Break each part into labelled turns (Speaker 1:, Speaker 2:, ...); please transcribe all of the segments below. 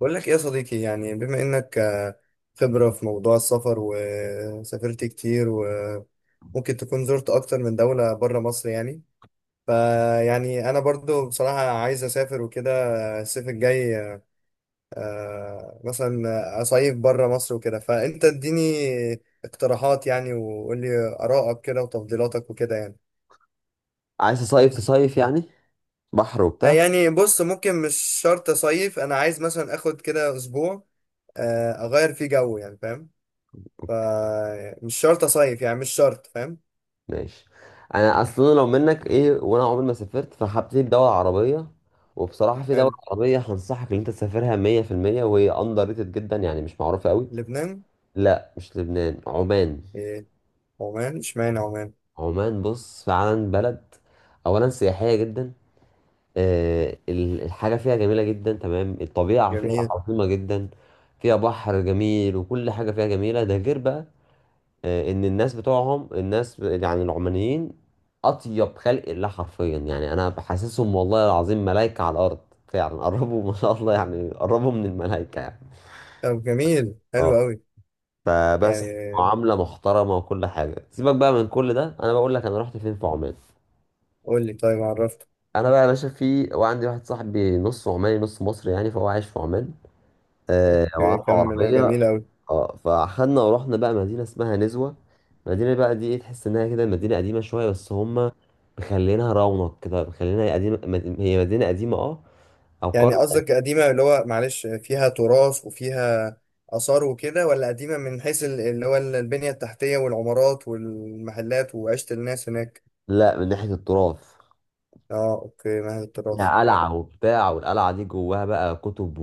Speaker 1: بقول لك ايه يا صديقي؟ يعني بما انك خبرة في موضوع السفر وسافرت كتير وممكن تكون زرت اكتر من دولة بره مصر يعني. فيعني انا برضو بصراحة عايز اسافر وكده الصيف الجاي. مثلا اصيف بره مصر وكده، فانت اديني اقتراحات يعني، وقول لي ارائك كده وتفضيلاتك وكده يعني.
Speaker 2: عايز تصيف تصيف يعني بحر وبتاع.
Speaker 1: يعني بص، ممكن مش شرط اصيف، انا عايز مثلا اخد كده اسبوع اغير فيه جو يعني، فاهم؟ فمش شرط أصيف يعني، مش شرط، فاهم؟
Speaker 2: ماشي. انا اصلا لو منك ايه، وانا عمري ما سافرت فهبتدي بدولة عربية. وبصراحة في دولة
Speaker 1: حلو.
Speaker 2: عربية هنصحك ان انت تسافرها 100%، وهي اندر ريتد جدا يعني مش معروفة قوي.
Speaker 1: لبنان.
Speaker 2: لا مش لبنان، عمان.
Speaker 1: إيه؟ عمان؟ اشمعنى عمان؟
Speaker 2: عمان بص فعلا بلد اولا سياحية جدا. الحاجة فيها جميلة جدا، تمام. الطبيعة فيها
Speaker 1: جميل.
Speaker 2: عظيمة جدا، فيها بحر جميل، وكل حاجة فيها جميلة. ده غير بقى ان الناس بتوعهم، الناس يعني العمانيين، اطيب خلق الله حرفيا. يعني انا بحسسهم والله العظيم ملائكة على الارض، فعلا. قربوا ما شاء الله يعني، قربوا من الملائكة يعني.
Speaker 1: طب جميل حلو
Speaker 2: اه،
Speaker 1: أوي.
Speaker 2: فبس
Speaker 1: يعني
Speaker 2: معاملة محترمة وكل حاجة. سيبك بقى من كل ده، انا بقول لك انا رحت فين في عمان.
Speaker 1: قول لي طيب عرفت.
Speaker 2: انا بقى يا باشا في، وعندي واحد صاحبي نص عماني نص مصري يعني، فهو عايش في عمان. آه، وعنده
Speaker 1: كمل،
Speaker 2: عربية.
Speaker 1: جميل أوي.
Speaker 2: اه، فاخدنا ورحنا بقى مدينة اسمها نزوة. المدينة بقى دي ايه، تحس انها كده مدينة قديمة شوية، بس هما مخلينها رونق كده، مخلينها قديمة. هي مدينة قديمة اه، او
Speaker 1: يعني
Speaker 2: قرية.
Speaker 1: قصدك قديمة اللي هو معلش فيها تراث وفيها آثار وكده، ولا قديمة من حيث اللي هو البنية التحتية والعمارات والمحلات وعيشة الناس هناك؟
Speaker 2: لا من ناحية التراث.
Speaker 1: اه، اوكي، مهد التراث،
Speaker 2: فيها
Speaker 1: اوكي.
Speaker 2: قلعة وبتاع، والقلعة دي جواها بقى كتب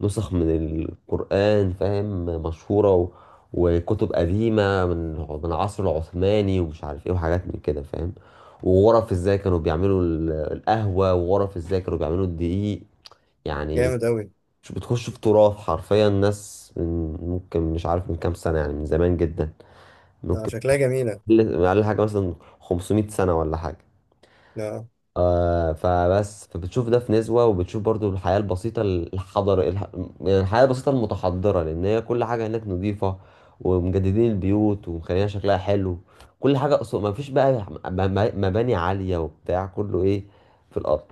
Speaker 2: ونسخ من القرآن، فاهم؟ مشهورة، و... وكتب قديمة من العصر العثماني ومش عارف ايه، وحاجات من كده فاهم. وغرف ازاي كانوا بيعملوا القهوة، وغرف ازاي كانوا بيعملوا الدقيق يعني.
Speaker 1: جامد أوي.
Speaker 2: مش بتخش في تراث حرفيا، الناس من ممكن مش عارف من كام سنة يعني، من زمان جدا ممكن.
Speaker 1: شكلها جميلة.
Speaker 2: أقل حاجة مثلا 500 سنة ولا حاجة.
Speaker 1: لا.
Speaker 2: آه، فبس فبتشوف ده في نسبة، وبتشوف برضو الحياة البسيطة، الحضر يعني الحياة البسيطة المتحضرة، لأن هي كل حاجة هناك نظيفة، ومجددين البيوت، ومخليها شكلها حلو. كل حاجة أصلا، ما فيش بقى مباني عالية وبتاع، كله إيه، في الأرض.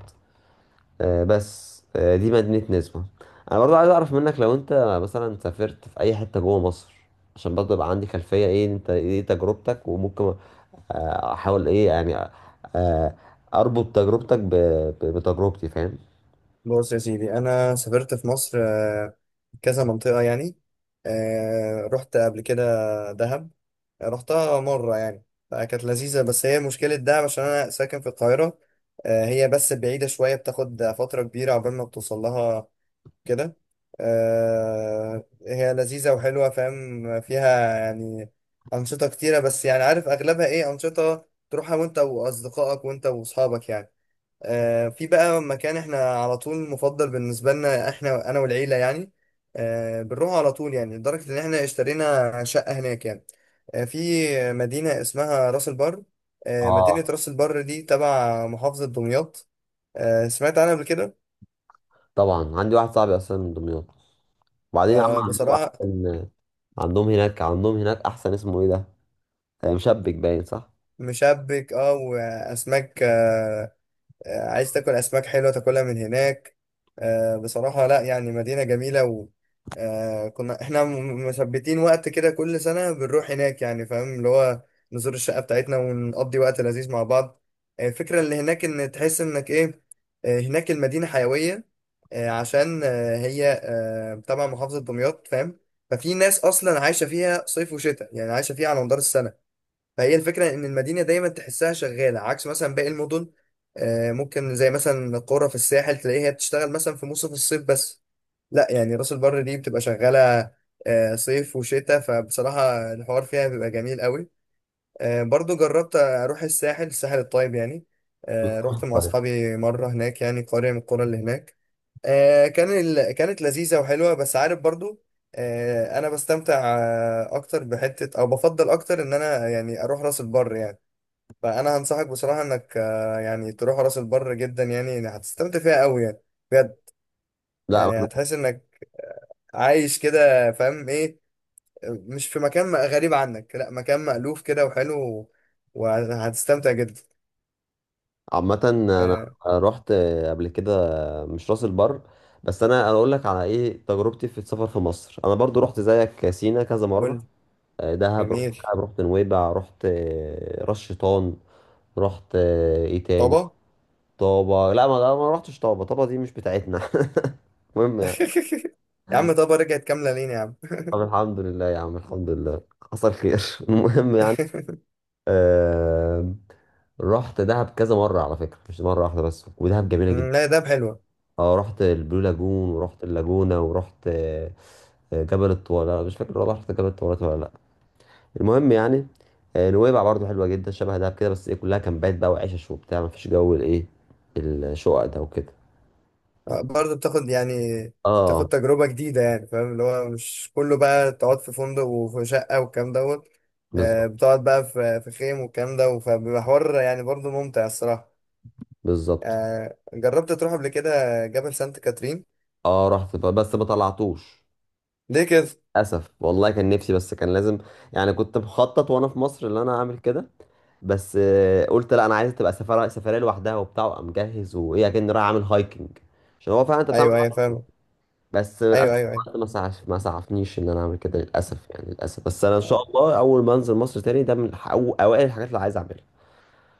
Speaker 2: بس دي مدينة نسبة. انا برضو عايز اعرف منك لو انت مثلا سافرت في اي حتة جوه مصر، عشان برضو يبقى عندي خلفية ايه انت، ايه تجربتك، وممكن احاول ايه يعني، آه، اربط تجربتك بتجربتي فاهم.
Speaker 1: بص يا سيدي، انا سافرت في مصر كذا منطقه يعني. رحت قبل كده دهب. رحتها مره يعني. فكانت لذيذه، بس هي مشكله دهب عشان انا ساكن في القاهره. هي بس بعيده شويه، بتاخد فتره كبيره عقبال ما بتوصل لها كده. هي لذيذه وحلوه، فاهم فيها يعني انشطه كتيره، بس يعني عارف اغلبها ايه؟ انشطه تروحها وانت واصدقائك وانت واصحابك يعني. في بقى مكان احنا على طول مفضل بالنسبة لنا، احنا انا والعيلة يعني. بنروح على طول يعني، لدرجة ان احنا اشترينا شقة هناك يعني. في مدينة اسمها راس البر. مدينة
Speaker 2: اه
Speaker 1: راس البر دي تبع محافظة دمياط. سمعت عنها قبل كده.
Speaker 2: طبعا عندي واحد صاحبي اصلا من دمياط، وبعدين يا عم عندهم
Speaker 1: بصراحة.
Speaker 2: احسن. عندهم هناك احسن اسمه ايه ده، آه، مشبك باين صح.
Speaker 1: مشبك، اه، واسماك عايز تاكل اسماك حلوه تاكلها من هناك. بصراحه لا، يعني مدينه جميله. و كنا احنا مثبتين وقت كده، كل سنه بنروح هناك يعني، فاهم اللي هو نزور الشقه بتاعتنا ونقضي وقت لذيذ مع بعض. الفكره اللي هناك ان تحس انك ايه. هناك المدينه حيويه عشان هي تبع محافظه دمياط، فاهم. ففي ناس اصلا عايشه فيها صيف وشتاء يعني، عايشه فيها على مدار السنه. فهي الفكرة إن المدينة دايما تحسها شغالة عكس مثلا باقي المدن. ممكن زي مثلا القرى في الساحل تلاقيها بتشتغل مثلا في موسم الصيف بس. لا يعني راس البر دي بتبقى شغالة صيف وشتاء، فبصراحة الحوار فيها بيبقى جميل قوي. برضو جربت أروح الساحل الطيب يعني. رحت مع
Speaker 2: طيب.
Speaker 1: أصحابي مرة هناك يعني، قرية من القرى اللي هناك. كانت لذيذة وحلوة، بس عارف برضو أنا بستمتع أكتر بحتة، أو بفضل أكتر إن أنا يعني أروح راس البر يعني. فانا هنصحك بصراحه انك يعني تروح راس البر جدا يعني، يعني هتستمتع فيها قوي يعني، بجد.
Speaker 2: لا.
Speaker 1: يعني هتحس انك عايش كده، فاهم ايه، مش في مكان غريب عنك، لا، مكان مألوف كده وحلو، وهتستمتع جدا.
Speaker 2: عامة انا
Speaker 1: آه،
Speaker 2: رحت قبل كده مش راس البر، بس انا أنا اقول لك على ايه تجربتي في السفر في مصر. انا برضو رحت زيك سينا كذا مرة،
Speaker 1: قول.
Speaker 2: آه، دهب. رحت
Speaker 1: جميل.
Speaker 2: دهب، رحت نويبع، رحت آه، راس شيطان، رحت آه، ايه تاني،
Speaker 1: طبا.
Speaker 2: طابة. لا ما رحتش طابة، طابة دي مش بتاعتنا. المهم يعني،
Speaker 1: يا عم طبا رجعت كامله لين يا عم.
Speaker 2: طب الحمد لله يا عم، الحمد لله، حصل خير. المهم يعني، آه، رحت دهب كذا مرة على فكرة، مش مرة واحدة بس، ودهب جميلة جدا.
Speaker 1: لا، دهب حلوه.
Speaker 2: اه رحت البلو لاجون، ورحت اللاجونة، ورحت آه، جبل الطويلة، مش فاكر والله رحت جبل الطويلات ولا لأ. المهم يعني، آه، نويبع برضو حلوة جدا، شبه دهب كده، بس ايه كلها كامبات بقى وعيشة وبتاع، مفيش جو الايه الشقق ده وكده.
Speaker 1: برضه بتاخد يعني، بتاخد
Speaker 2: اه
Speaker 1: تجربة جديدة يعني، فاهم اللي هو مش كله بقى تقعد في فندق وفي شقة والكلام دوت.
Speaker 2: بالظبط.
Speaker 1: بتقعد بقى في خيم والكلام ده، فبيبقى حوار يعني برضه ممتع الصراحة.
Speaker 2: بالظبط.
Speaker 1: جربت تروح قبل كده جبل سانت كاترين؟
Speaker 2: اه رحت بس ما طلعتوش.
Speaker 1: ليه كده؟
Speaker 2: للأسف والله كان نفسي، بس كان لازم يعني، كنت مخطط وانا في مصر ان انا اعمل كده. بس آه، قلت لا، انا عايز تبقى سفرية سفرية لوحدها وبتاع، وابقى مجهز وايه، اكن رايح اعمل هايكنج، عشان هو فعلا انت بتعمل.
Speaker 1: أيوه أيوه فاهم.
Speaker 2: بس
Speaker 1: أيوه
Speaker 2: للاسف
Speaker 1: أيوه.
Speaker 2: الوقت ما سعف، ما سعفنيش ان انا اعمل كده للاسف يعني، للاسف. بس انا ان شاء
Speaker 1: أيوه.
Speaker 2: الله اول ما انزل مصر تاني ده من أو اوائل الحاجات اللي عايز اعملها.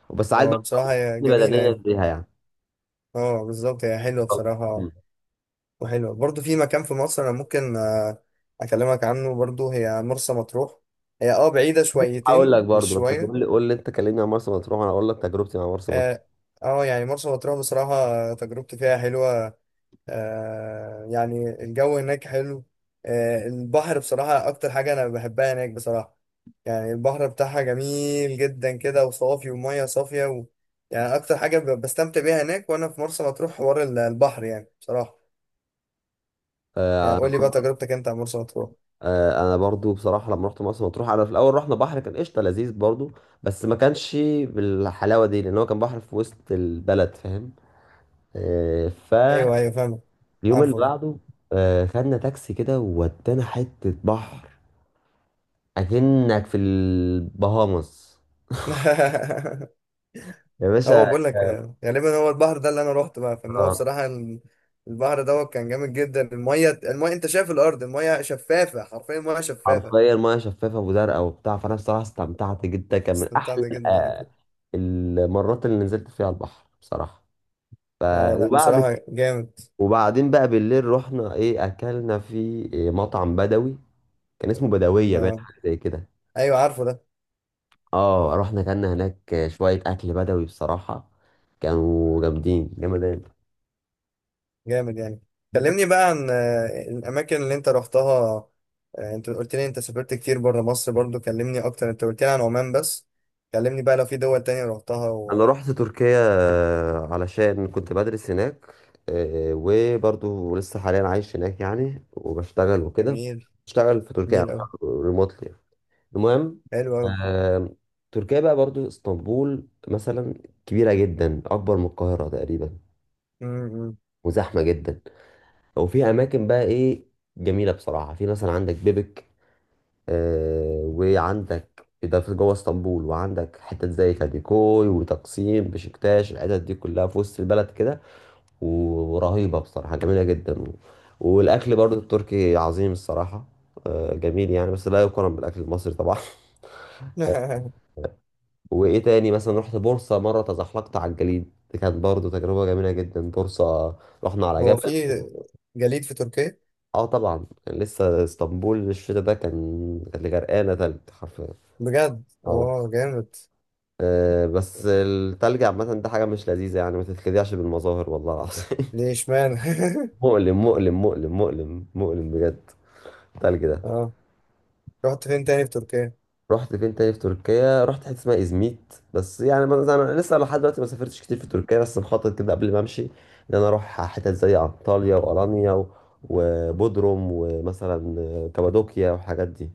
Speaker 2: وبس عايز بقى
Speaker 1: هو بصراحة هي
Speaker 2: تكون
Speaker 1: جميلة
Speaker 2: بدنيا
Speaker 1: يعني.
Speaker 2: بيها يعني.
Speaker 1: اه بالظبط، هي حلوة
Speaker 2: طب، مم.
Speaker 1: بصراحة. وحلوة برضه في مكان في مصر أنا ممكن أكلمك عنه برضه، هي مرسى مطروح. هي اه بعيدة
Speaker 2: هقول لك
Speaker 1: شويتين، مش
Speaker 2: برضو، بس
Speaker 1: شوية.
Speaker 2: قول لي انت، كلمني عن مرسى مطروح، انا اقول لك تجربتي مع مرسى مطروح.
Speaker 1: اه. يعني مرسى مطروح بصراحة تجربتي فيها حلوة. آه يعني الجو هناك حلو. آه البحر بصراحة، أكتر حاجة أنا بحبها هناك بصراحة. يعني البحر بتاعها جميل جدا كده وصافي ومية صافية و... يعني أكتر حاجة بستمتع بيها هناك وأنا في مرسى مطروح، حوار البحر يعني بصراحة. يعني قول لي بقى تجربتك أنت عن مرسى مطروح.
Speaker 2: آه، انا برضو بصراحه لما رحت مرسى مطروح، انا في الاول رحنا بحر، كان قشطه لذيذ برضو، بس ما كانش بالحلاوه دي، لان هو كان بحر في وسط البلد فاهم. آه،
Speaker 1: أيوه
Speaker 2: فاليوم
Speaker 1: أيوه فاهمك.
Speaker 2: اللي
Speaker 1: عارفه.
Speaker 2: بعده آه، خدنا تاكسي كده وودانا حته بحر، اكنك في البهامس يا
Speaker 1: هو
Speaker 2: باشا.
Speaker 1: بقول لك غالبا هو البحر ده اللي انا روحته بقى، فان هو
Speaker 2: آه،
Speaker 1: بصراحه البحر دوت كان جامد جدا. الميه، انت شايف الارض، الميه شفافه، حرفيا الميه شفافه.
Speaker 2: حرفيا ميه شفافه وزرقاء وبتاع، فانا الصراحه استمتعت جدا، كان من
Speaker 1: استمتعت
Speaker 2: احلى
Speaker 1: جدا انا
Speaker 2: آه،
Speaker 1: كده.
Speaker 2: المرات اللي نزلت فيها البحر بصراحه. ف...
Speaker 1: اه لا
Speaker 2: وبعد،
Speaker 1: بصراحه جامد.
Speaker 2: وبعدين بقى بالليل رحنا ايه، اكلنا في إيه، مطعم بدوي كان اسمه بدويه بقى
Speaker 1: اه
Speaker 2: حاجه زي كده.
Speaker 1: ايوه عارفه ده.
Speaker 2: اه رحنا اكلنا هناك شويه اكل بدوي بصراحه، كانوا جامدين جامدين.
Speaker 1: جامد يعني.
Speaker 2: دي،
Speaker 1: كلمني بقى عن الاماكن اللي انت روحتها. انت قلت لي انت سافرت كتير بره مصر برضو، كلمني اكتر، انت قلت لي عن عمان بس، كلمني بقى لو في دول تانية روحتها
Speaker 2: انا
Speaker 1: و...
Speaker 2: رحت تركيا آه، علشان كنت بدرس هناك، آه، وبرضو لسه حاليا عايش هناك يعني، وبشتغل وكده.
Speaker 1: جميل.
Speaker 2: بشتغل في تركيا
Speaker 1: جميل قوي.
Speaker 2: ريموتلي. المهم
Speaker 1: حلو قوي.
Speaker 2: آه، تركيا بقى برضو اسطنبول مثلا كبيرة جدا، اكبر من القاهرة تقريبا، وزحمة جدا. وفي اماكن بقى ايه، جميلة بصراحة. في مثلا عندك بيبك آه، وعندك ده في جوه اسطنبول، وعندك حتت زي كاديكوي وتقسيم بشكتاش، الحتت دي كلها في وسط البلد كده، و- ورهيبة بصراحة، جميلة جدا. و... والأكل برضو التركي عظيم الصراحة، آه، جميل يعني، بس لا يقارن بالأكل المصري طبعا. وإيه تاني، مثلا رحت بورصة مرة، تزحلقت على الجليد، دي كانت برضو تجربة جميلة جدا. بورصة رحنا على
Speaker 1: هو في
Speaker 2: جبل.
Speaker 1: جليد في تركيا؟
Speaker 2: اه طبعا، كان لسه اسطنبول الشتا ده كان، كانت غرقانة تلج حرفيا.
Speaker 1: بجد.
Speaker 2: آه.
Speaker 1: اه جامد.
Speaker 2: آه، بس التلج عامة ده حاجة مش لذيذة يعني، ما تتخدعش بالمظاهر والله العظيم.
Speaker 1: ليه اشمعنى؟
Speaker 2: مؤلم مؤلم مؤلم مؤلم مؤلم بجد التلج ده.
Speaker 1: اه رحت فين تاني في تركيا؟
Speaker 2: رحت فين تاني في تركيا؟ رحت حتة اسمها إزميت، بس يعني، ما- انا لسه لحد دلوقتي ما سافرتش كتير في تركيا، بس مخطط كده قبل ما امشي ان انا اروح حتت زي انطاليا والانيا، و- وبودروم، ومثلا آه، كابادوكيا والحاجات دي.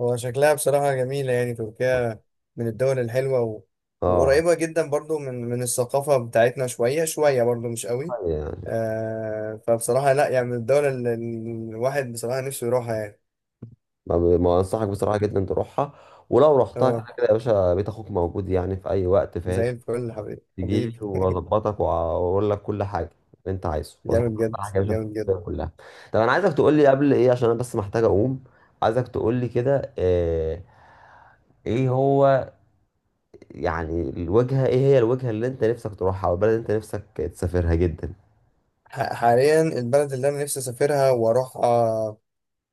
Speaker 1: هو شكلها بصراحة جميلة يعني، تركيا من الدول الحلوة و...
Speaker 2: اه
Speaker 1: وقريبة جدا برضو من الثقافة بتاعتنا شوية شوية، برضو مش قوي.
Speaker 2: يعني
Speaker 1: آه فبصراحة لا يعني من الدول اللي الواحد بصراحة نفسه يروحها يعني.
Speaker 2: ما انصحك بصراحة جدا تروحها، ولو رحتها كده
Speaker 1: اه
Speaker 2: كده يا باشا بيت اخوك موجود يعني في اي وقت فاهم.
Speaker 1: زي الفل. حبيبي
Speaker 2: تجيلي
Speaker 1: حبيبي.
Speaker 2: واظبطك واقول لك كل حاجه اللي انت عايزه وصح.
Speaker 1: جامد
Speaker 2: كل
Speaker 1: جد
Speaker 2: حاجه مش
Speaker 1: جامد جد.
Speaker 2: فيها كلها. طب انا عايزك تقول لي قبل ايه، عشان انا بس محتاج اقوم. عايزك تقول لي كده آه، ايه هو يعني الوجهه، ايه هي الوجهه اللي انت نفسك تروحها، او البلد اللي انت نفسك تسافرها جدا؟
Speaker 1: حاليا البلد اللي انا نفسي اسافرها واروحها،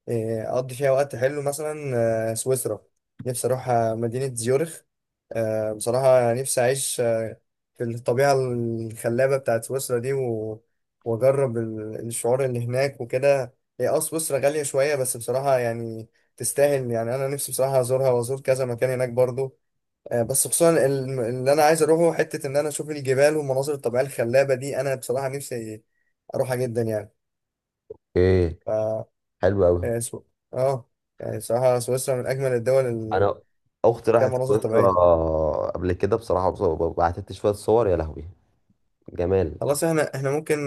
Speaker 1: اقضي فيها وقت حلو مثلا سويسرا. نفسي اروح مدينة زيورخ. بصراحة نفسي اعيش في الطبيعة الخلابة بتاعت سويسرا دي و... واجرب الشعور اللي هناك وكده. هي اه سويسرا غالية شوية بس بصراحة يعني تستاهل يعني. انا نفسي بصراحة ازورها وازور كذا مكان هناك برضو. بس خصوصا اللي انا عايز اروحه حتة ان انا اشوف الجبال والمناظر الطبيعية الخلابة دي، انا بصراحة نفسي اروحها جدا
Speaker 2: ايه،
Speaker 1: يعني.
Speaker 2: حلو قوي.
Speaker 1: آه، سو... اه. يعني صراحة سويسرا من أجمل الدول اللي
Speaker 2: انا اختي
Speaker 1: فيها
Speaker 2: راحت
Speaker 1: مناظر
Speaker 2: سويسرا
Speaker 1: طبيعية.
Speaker 2: قبل كده بصراحه، بعتت لي شويه صور، يا لهوي جمال.
Speaker 1: خلاص، احنا ممكن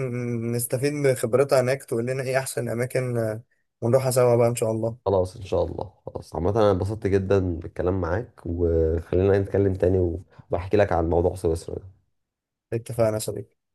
Speaker 1: نستفيد من خبرتها هناك، تقول لنا ايه أحسن أماكن ونروحها سوا بقى إن شاء الله.
Speaker 2: خلاص ان شاء الله، خلاص. عامة انا انبسطت جدا بالكلام معاك، وخلينا نتكلم تاني، وبحكي لك عن موضوع سويسرا ده.
Speaker 1: اتفقنا يا صديقي.